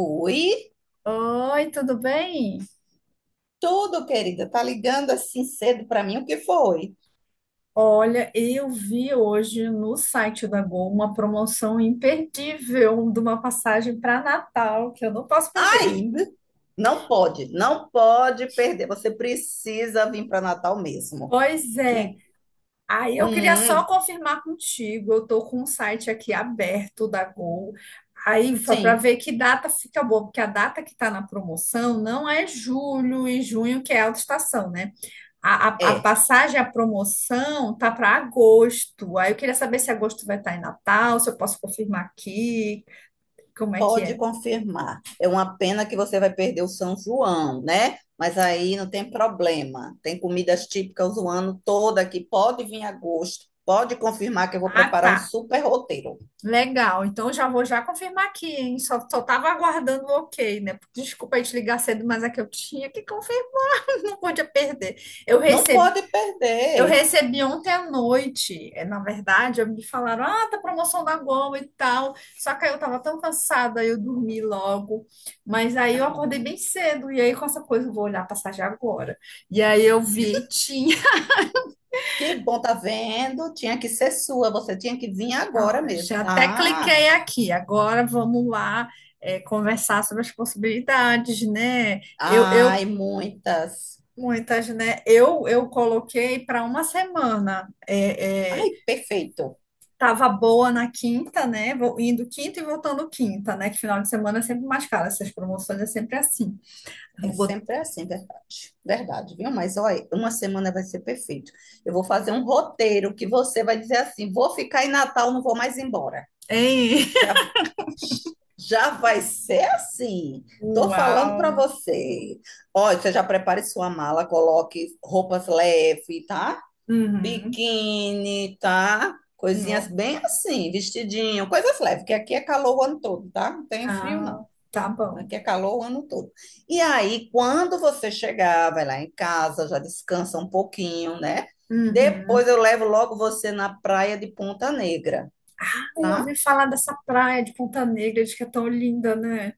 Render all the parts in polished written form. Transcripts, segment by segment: Oi, Oi, tudo bem? tudo, querida. Tá ligando assim cedo pra mim? O que foi? Olha, eu vi hoje no site da Gol uma promoção imperdível de uma passagem para Natal que eu não posso perder. Ainda não pode, não pode perder. Você precisa vir para Natal mesmo. Pois é. Que, Aí eu queria só hum, confirmar contigo. Eu tô com um site aqui aberto da Gol. Aí para sim, ver que data fica boa, porque a data que está na promoção não é julho e junho, que é alta estação, né? A é. passagem, a promoção tá para agosto. Aí eu queria saber se agosto vai estar em Natal, se eu posso confirmar aqui, como é que Pode é? confirmar. É uma pena que você vai perder o São João, né? Mas aí não tem problema. Tem comidas típicas o ano todo aqui. Pode vir em agosto. Pode confirmar que eu vou Ah, preparar um tá. super roteiro. Legal. Então já vou já confirmar aqui, hein? Só tava aguardando o ok, né? Desculpa aí te ligar cedo, mas é que eu tinha que confirmar. Não podia perder. Eu Não recebi, pode eu perder. recebi ontem à noite, na verdade, eu me falaram, ah, tá promoção da Gol e tal. Só que aí eu tava tão cansada, aí eu dormi logo. Mas aí eu acordei bem Ah. cedo, e aí com essa coisa eu vou olhar a passagem agora. E aí eu vi, tinha. Que bom, tá vendo? Tinha que ser sua, você tinha que vir agora Ah, mesmo. já até Ah, cliquei aqui. Agora vamos lá, conversar sobre as possibilidades, né? Eu ai, muitas. muitas, né? Eu coloquei para uma semana. Ai, perfeito. Tava boa na quinta, né? Vou indo quinta e voltando quinta, né? Que final de semana é sempre mais caro. Essas promoções é sempre assim. Eu É botei. sempre assim, verdade. Verdade, viu? Mas olha, uma semana vai ser perfeito. Eu vou fazer um roteiro que você vai dizer assim: vou ficar em Natal, não vou mais embora. Já, já vai ser assim. Tô falando para Uau! você. Olha, você já prepare sua mala, coloque roupas leves, tá? Uhum. Biquíni, tá? Coisinhas Não. bem assim, vestidinho, coisas leves, porque aqui é calor o ano todo, tá? Não tem frio, não. Ah, tá bom. Aqui é calor o ano todo. E aí, quando você chegar, vai lá em casa, já descansa um pouquinho, né? Uhum. Depois eu levo logo você na praia de Ponta Negra, Ai, eu tá? ouvi falar dessa praia de Ponta Negra, diz que é tão linda, né?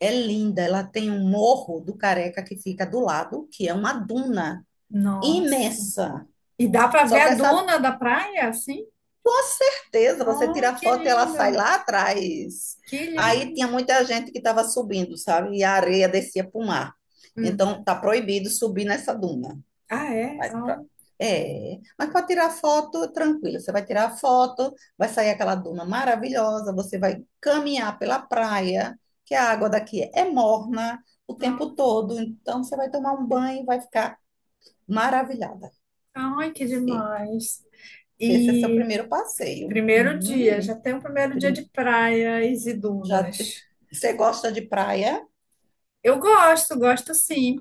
É linda, ela tem um morro do Careca que fica do lado, que é uma duna Nossa. imensa. E dá pra ver Só a que essa dona da praia, assim? Com certeza, você tira Oh, a que foto e ela sai lindo. lá atrás. Que Aí tinha lindo. muita gente que estava subindo, sabe? E a areia descia para o mar. Então, Uhum. tá proibido subir nessa duna. Ah, é? Mas pra- Oh. É, mas para tirar foto, tranquilo. Você vai tirar a foto, vai sair aquela duna maravilhosa, você vai caminhar pela praia, que a água daqui é morna o tempo todo. Então, você vai tomar um banho e vai ficar maravilhada. Oh, ai, que E demais. Esse é seu E primeiro passeio. primeiro dia, já Hum. tem o primeiro dia de praias e Já te- dunas. Você gosta de praia? Eu gosto, gosto sim.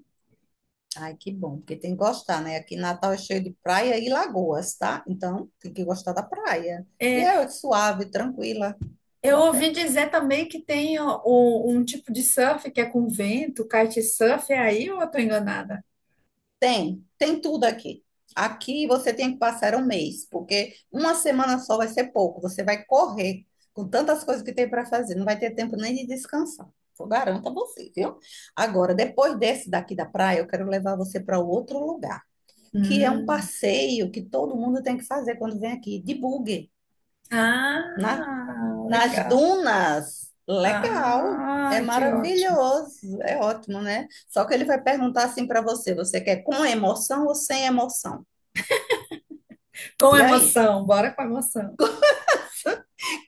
Ai, que bom, porque tem que gostar, né? Aqui em Natal é cheio de praia e lagoas, tá? Então, tem que gostar da praia. E É, é suave, tranquila, vai eu dar ouvi certo. dizer também que tem um tipo de surf que é com vento, kitesurf, é aí ou eu tô enganada? Tem tudo aqui. Aqui você tem que passar um mês, porque uma semana só vai ser pouco. Você vai correr com tantas coisas que tem para fazer, não vai ter tempo nem de descansar. Eu garanto a você, viu? Agora, depois desse daqui da praia, eu quero levar você para outro lugar. Que é um Hum. passeio que todo mundo tem que fazer quando vem aqui, de buggy, né? Ah, Nas legal. dunas. Legal, é Ah, que ótimo. maravilhoso, é ótimo, né? Só que ele vai perguntar assim para você, você quer com emoção ou sem emoção? Com E aí? emoção, bora com emoção.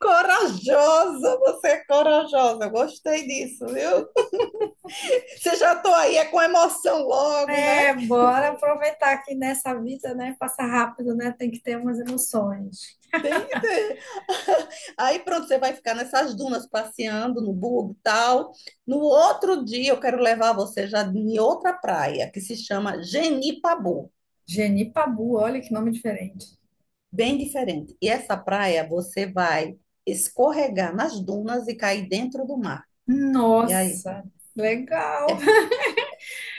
Corajosa, você é corajosa, eu gostei disso, viu? Você já tô aí, é com emoção logo, né? É, bora aproveitar que nessa vida, né, passa rápido, né, tem que ter umas emoções. Tem que ter. Aí pronto, você vai ficar nessas dunas passeando no bug e tal. No outro dia eu quero levar você já em outra praia que se chama Genipabu, Genipabu, olha que nome diferente. bem diferente. E essa praia você vai escorregar nas dunas e cair dentro do mar. E aí? Nossa, legal.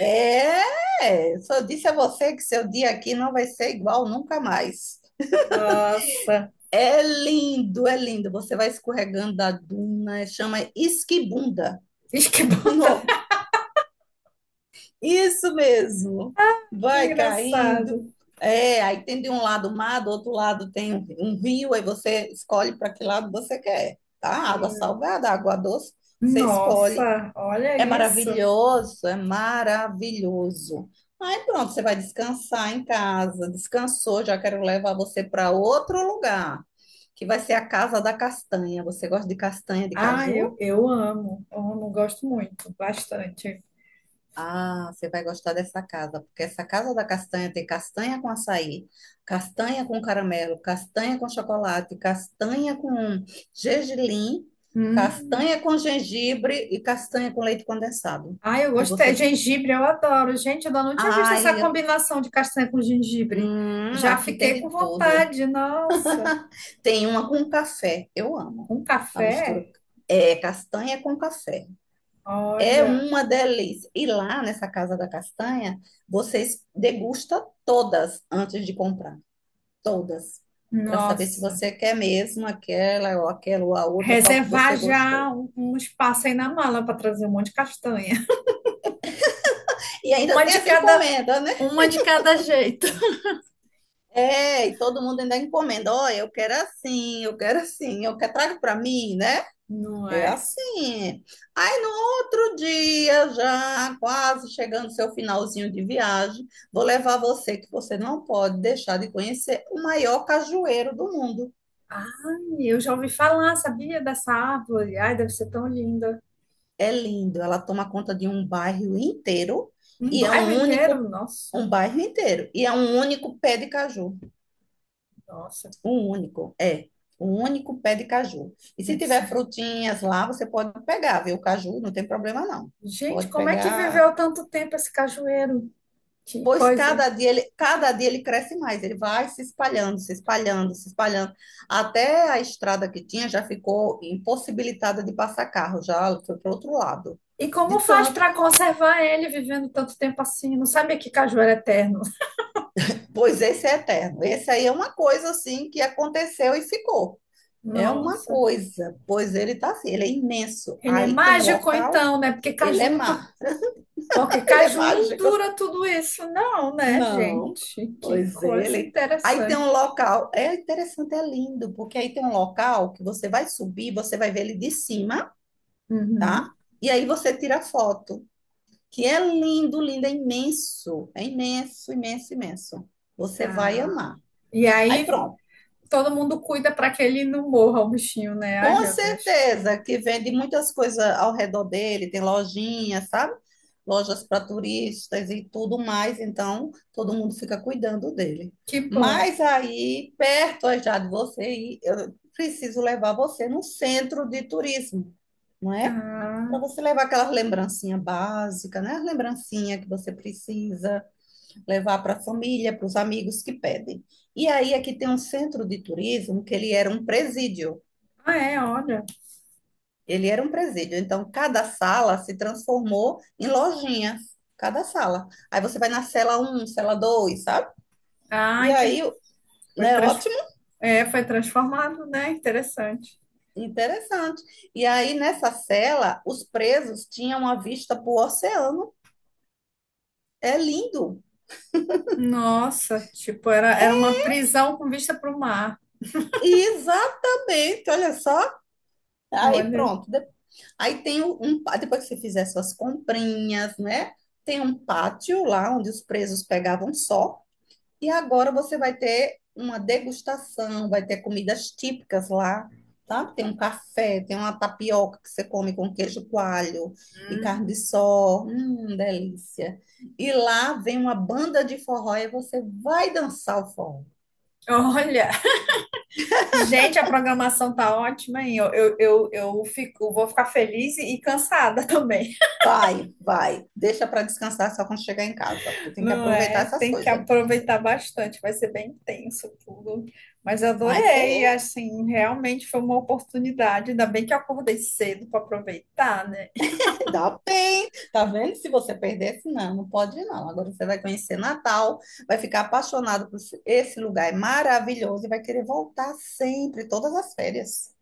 É, só disse a você que seu dia aqui não vai ser igual nunca mais. Nossa, É lindo, é lindo. Você vai escorregando da duna, chama esquibunda. isso que bom, tá? Não Isso mesmo. Que Vai caindo. engraçado. É, aí tem de um lado o mar, do outro lado tem um rio, aí você escolhe para que lado você quer, tá? Água salgada, água doce, você escolhe. Nossa, olha É isso. maravilhoso, é maravilhoso. Aí pronto, você vai descansar em casa. Descansou, já quero levar você para outro lugar, que vai ser a Casa da Castanha. Você gosta de castanha de Ah, eu, caju? eu amo, amo, gosto muito, bastante. Ah, você vai gostar dessa casa, porque essa casa da castanha tem castanha com açaí, castanha com caramelo, castanha com chocolate, castanha com gergelim, Hum. castanha com gengibre e castanha com leite condensado. Ah, eu E gostei. você. Gengibre, eu adoro. Gente, eu ainda não tinha visto essa Ai, eu- combinação de castanha com gengibre. hum, Já aqui tem fiquei de com tudo. vontade, nossa. Tem uma com café, eu amo. Com A café? mistura é castanha com café. É Olha, uma delícia. E lá nessa Casa da Castanha, vocês degustam todas antes de comprar, todas, para saber se nossa. você quer mesmo aquela ou aquela ou a outra, qual que Reservar você já gostou. um espaço aí na mala para trazer um monte de castanha. E ainda Uma tem de essa cada, encomenda, né? uma de cada jeito, É, e todo mundo ainda encomenda. Olha, eu quero assim, eu quero assim, eu quero, traga para mim, né? não É é? assim. Aí no outro dia, já quase chegando seu finalzinho de viagem, vou levar você, que você não pode deixar de conhecer o maior cajueiro do mundo. Ai, eu já ouvi falar, sabia dessa árvore? Ai, deve ser tão linda. É lindo, ela toma conta de um bairro inteiro Um e é bairro um inteiro? único, Nossa, um bairro inteiro, e é um único pé de caju. nossa, Um único, é. Um único pé de caju. E se deve ser. tiver frutinhas lá, você pode pegar, viu? O caju não tem problema não. Gente, Pode como é que pegar viveu tanto tempo esse cajueiro? Que pois coisa. Cada dia ele cresce mais, ele vai se espalhando, se espalhando, se espalhando. Até a estrada que tinha já ficou impossibilitada de passar carro, já foi para o outro lado. E como De faz tanto para que, conservar ele vivendo tanto tempo assim? Não sabia que caju era eterno. Pois esse é eterno. Esse aí é uma coisa assim que aconteceu e ficou. É uma Nossa, coisa, pois ele está assim, ele é imenso. ele é Aí tem um mágico local, então, né? Ele é má, Porque Ele é caju não mágico. dura tudo isso, não, né, Não, gente? Que pois coisa ele. Aí tem um interessante. local, é interessante, é lindo, porque aí tem um local que você vai subir, você vai ver ele de cima, Uhum. tá? E aí você tira foto, que é lindo, lindo, é imenso, imenso, imenso. Você vai Ah. amar. E Aí aí pronto. todo mundo cuida para que ele não morra, o bichinho, né? Ai, Com meu Deus. certeza, que vende muitas coisas ao redor dele, tem lojinhas, sabe? Lojas para turistas e tudo mais, então todo mundo fica cuidando dele. Que bom. Mas aí, perto já de você, ir, eu preciso levar você no centro de turismo, não é? Para Ah, você levar aquelas lembrancinhas básicas, né? As lembrancinhas que você precisa levar para a família, para os amigos que pedem. E aí, aqui tem um centro de turismo que ele era um presídio. ah é, olha. Ele era um presídio. Então, cada sala se transformou em lojinhas. Cada sala. Aí você vai na cela um, cela 2, sabe? E Ai, aí, foi, né, trans... ótimo, é, foi transformado, né? Interessante. interessante. E aí, nessa cela, os presos tinham uma vista para o oceano. É lindo. Nossa, tipo, era uma prisão com vista para o mar. Exatamente, olha só. Aí Olha. pronto. Aí tem um, um pá- Depois que você fizer suas comprinhas, né? Tem um pátio lá onde os presos pegavam sol. E agora você vai ter uma degustação, vai ter comidas típicas lá, tá? Tem um café, tem uma tapioca que você come com queijo coalho e carne de Hum. sol. Delícia. E lá vem uma banda de forró e você vai dançar o forró. Olha, gente, a programação tá ótima, hein? Vou ficar feliz e cansada também. Vai, vai. Deixa para descansar só quando chegar em casa, porque tem que Não aproveitar é? essas Tem que coisas. aproveitar bastante, vai ser bem intenso tudo. Mas eu Vai ser adorei, assim, realmente foi uma oportunidade. Ainda bem que eu acordei cedo para aproveitar, né? Se dá bem, tá vendo? Se você perdesse, não, não pode não. Agora você vai conhecer Natal, vai ficar apaixonado por esse lugar, é maravilhoso e vai querer voltar sempre, todas as férias.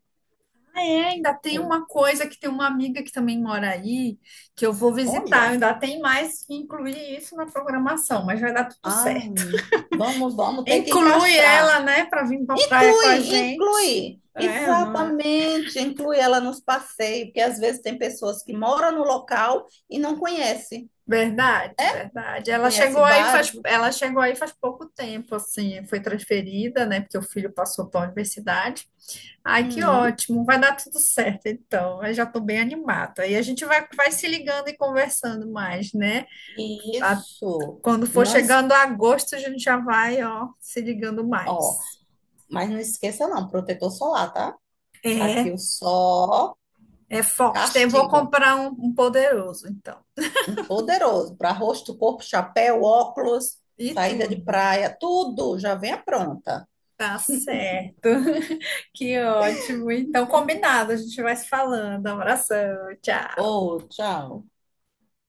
Ah, é, ainda tem É. uma coisa que tem uma amiga que também mora aí, que eu vou visitar. Olha, Ainda tem mais que incluir isso na programação, mas vai dar tudo ah, certo. vamos ter que Inclui encaixar. ela, né, para vir para a praia com a Inclui, gente. inclui. É, não é? Exatamente, inclui ela nos passeios, porque às vezes tem pessoas que moram no local e não conhecem, Verdade, verdade. não conhece vários lugares. Ela chegou aí faz pouco tempo, assim, foi transferida, né? Porque o filho passou para a universidade. Ai, que Hum, ótimo, vai dar tudo certo, então. Eu já estou bem animada. Aí a gente vai se ligando e conversando mais, né? A- isso. Quando E for não, es- chegando a agosto, a gente já vai, ó, se ligando ó, mais. Mas não esqueça não, protetor solar, tá? É Aqui o sol é forte. Vou castiga. comprar um poderoso, então. Um poderoso para rosto, corpo, chapéu, óculos, E saída de tudo. praia, tudo já venha pronta. Tá certo. Que ótimo. Então, combinado, a gente vai se falando. Abração, tchau. Ô, tchau.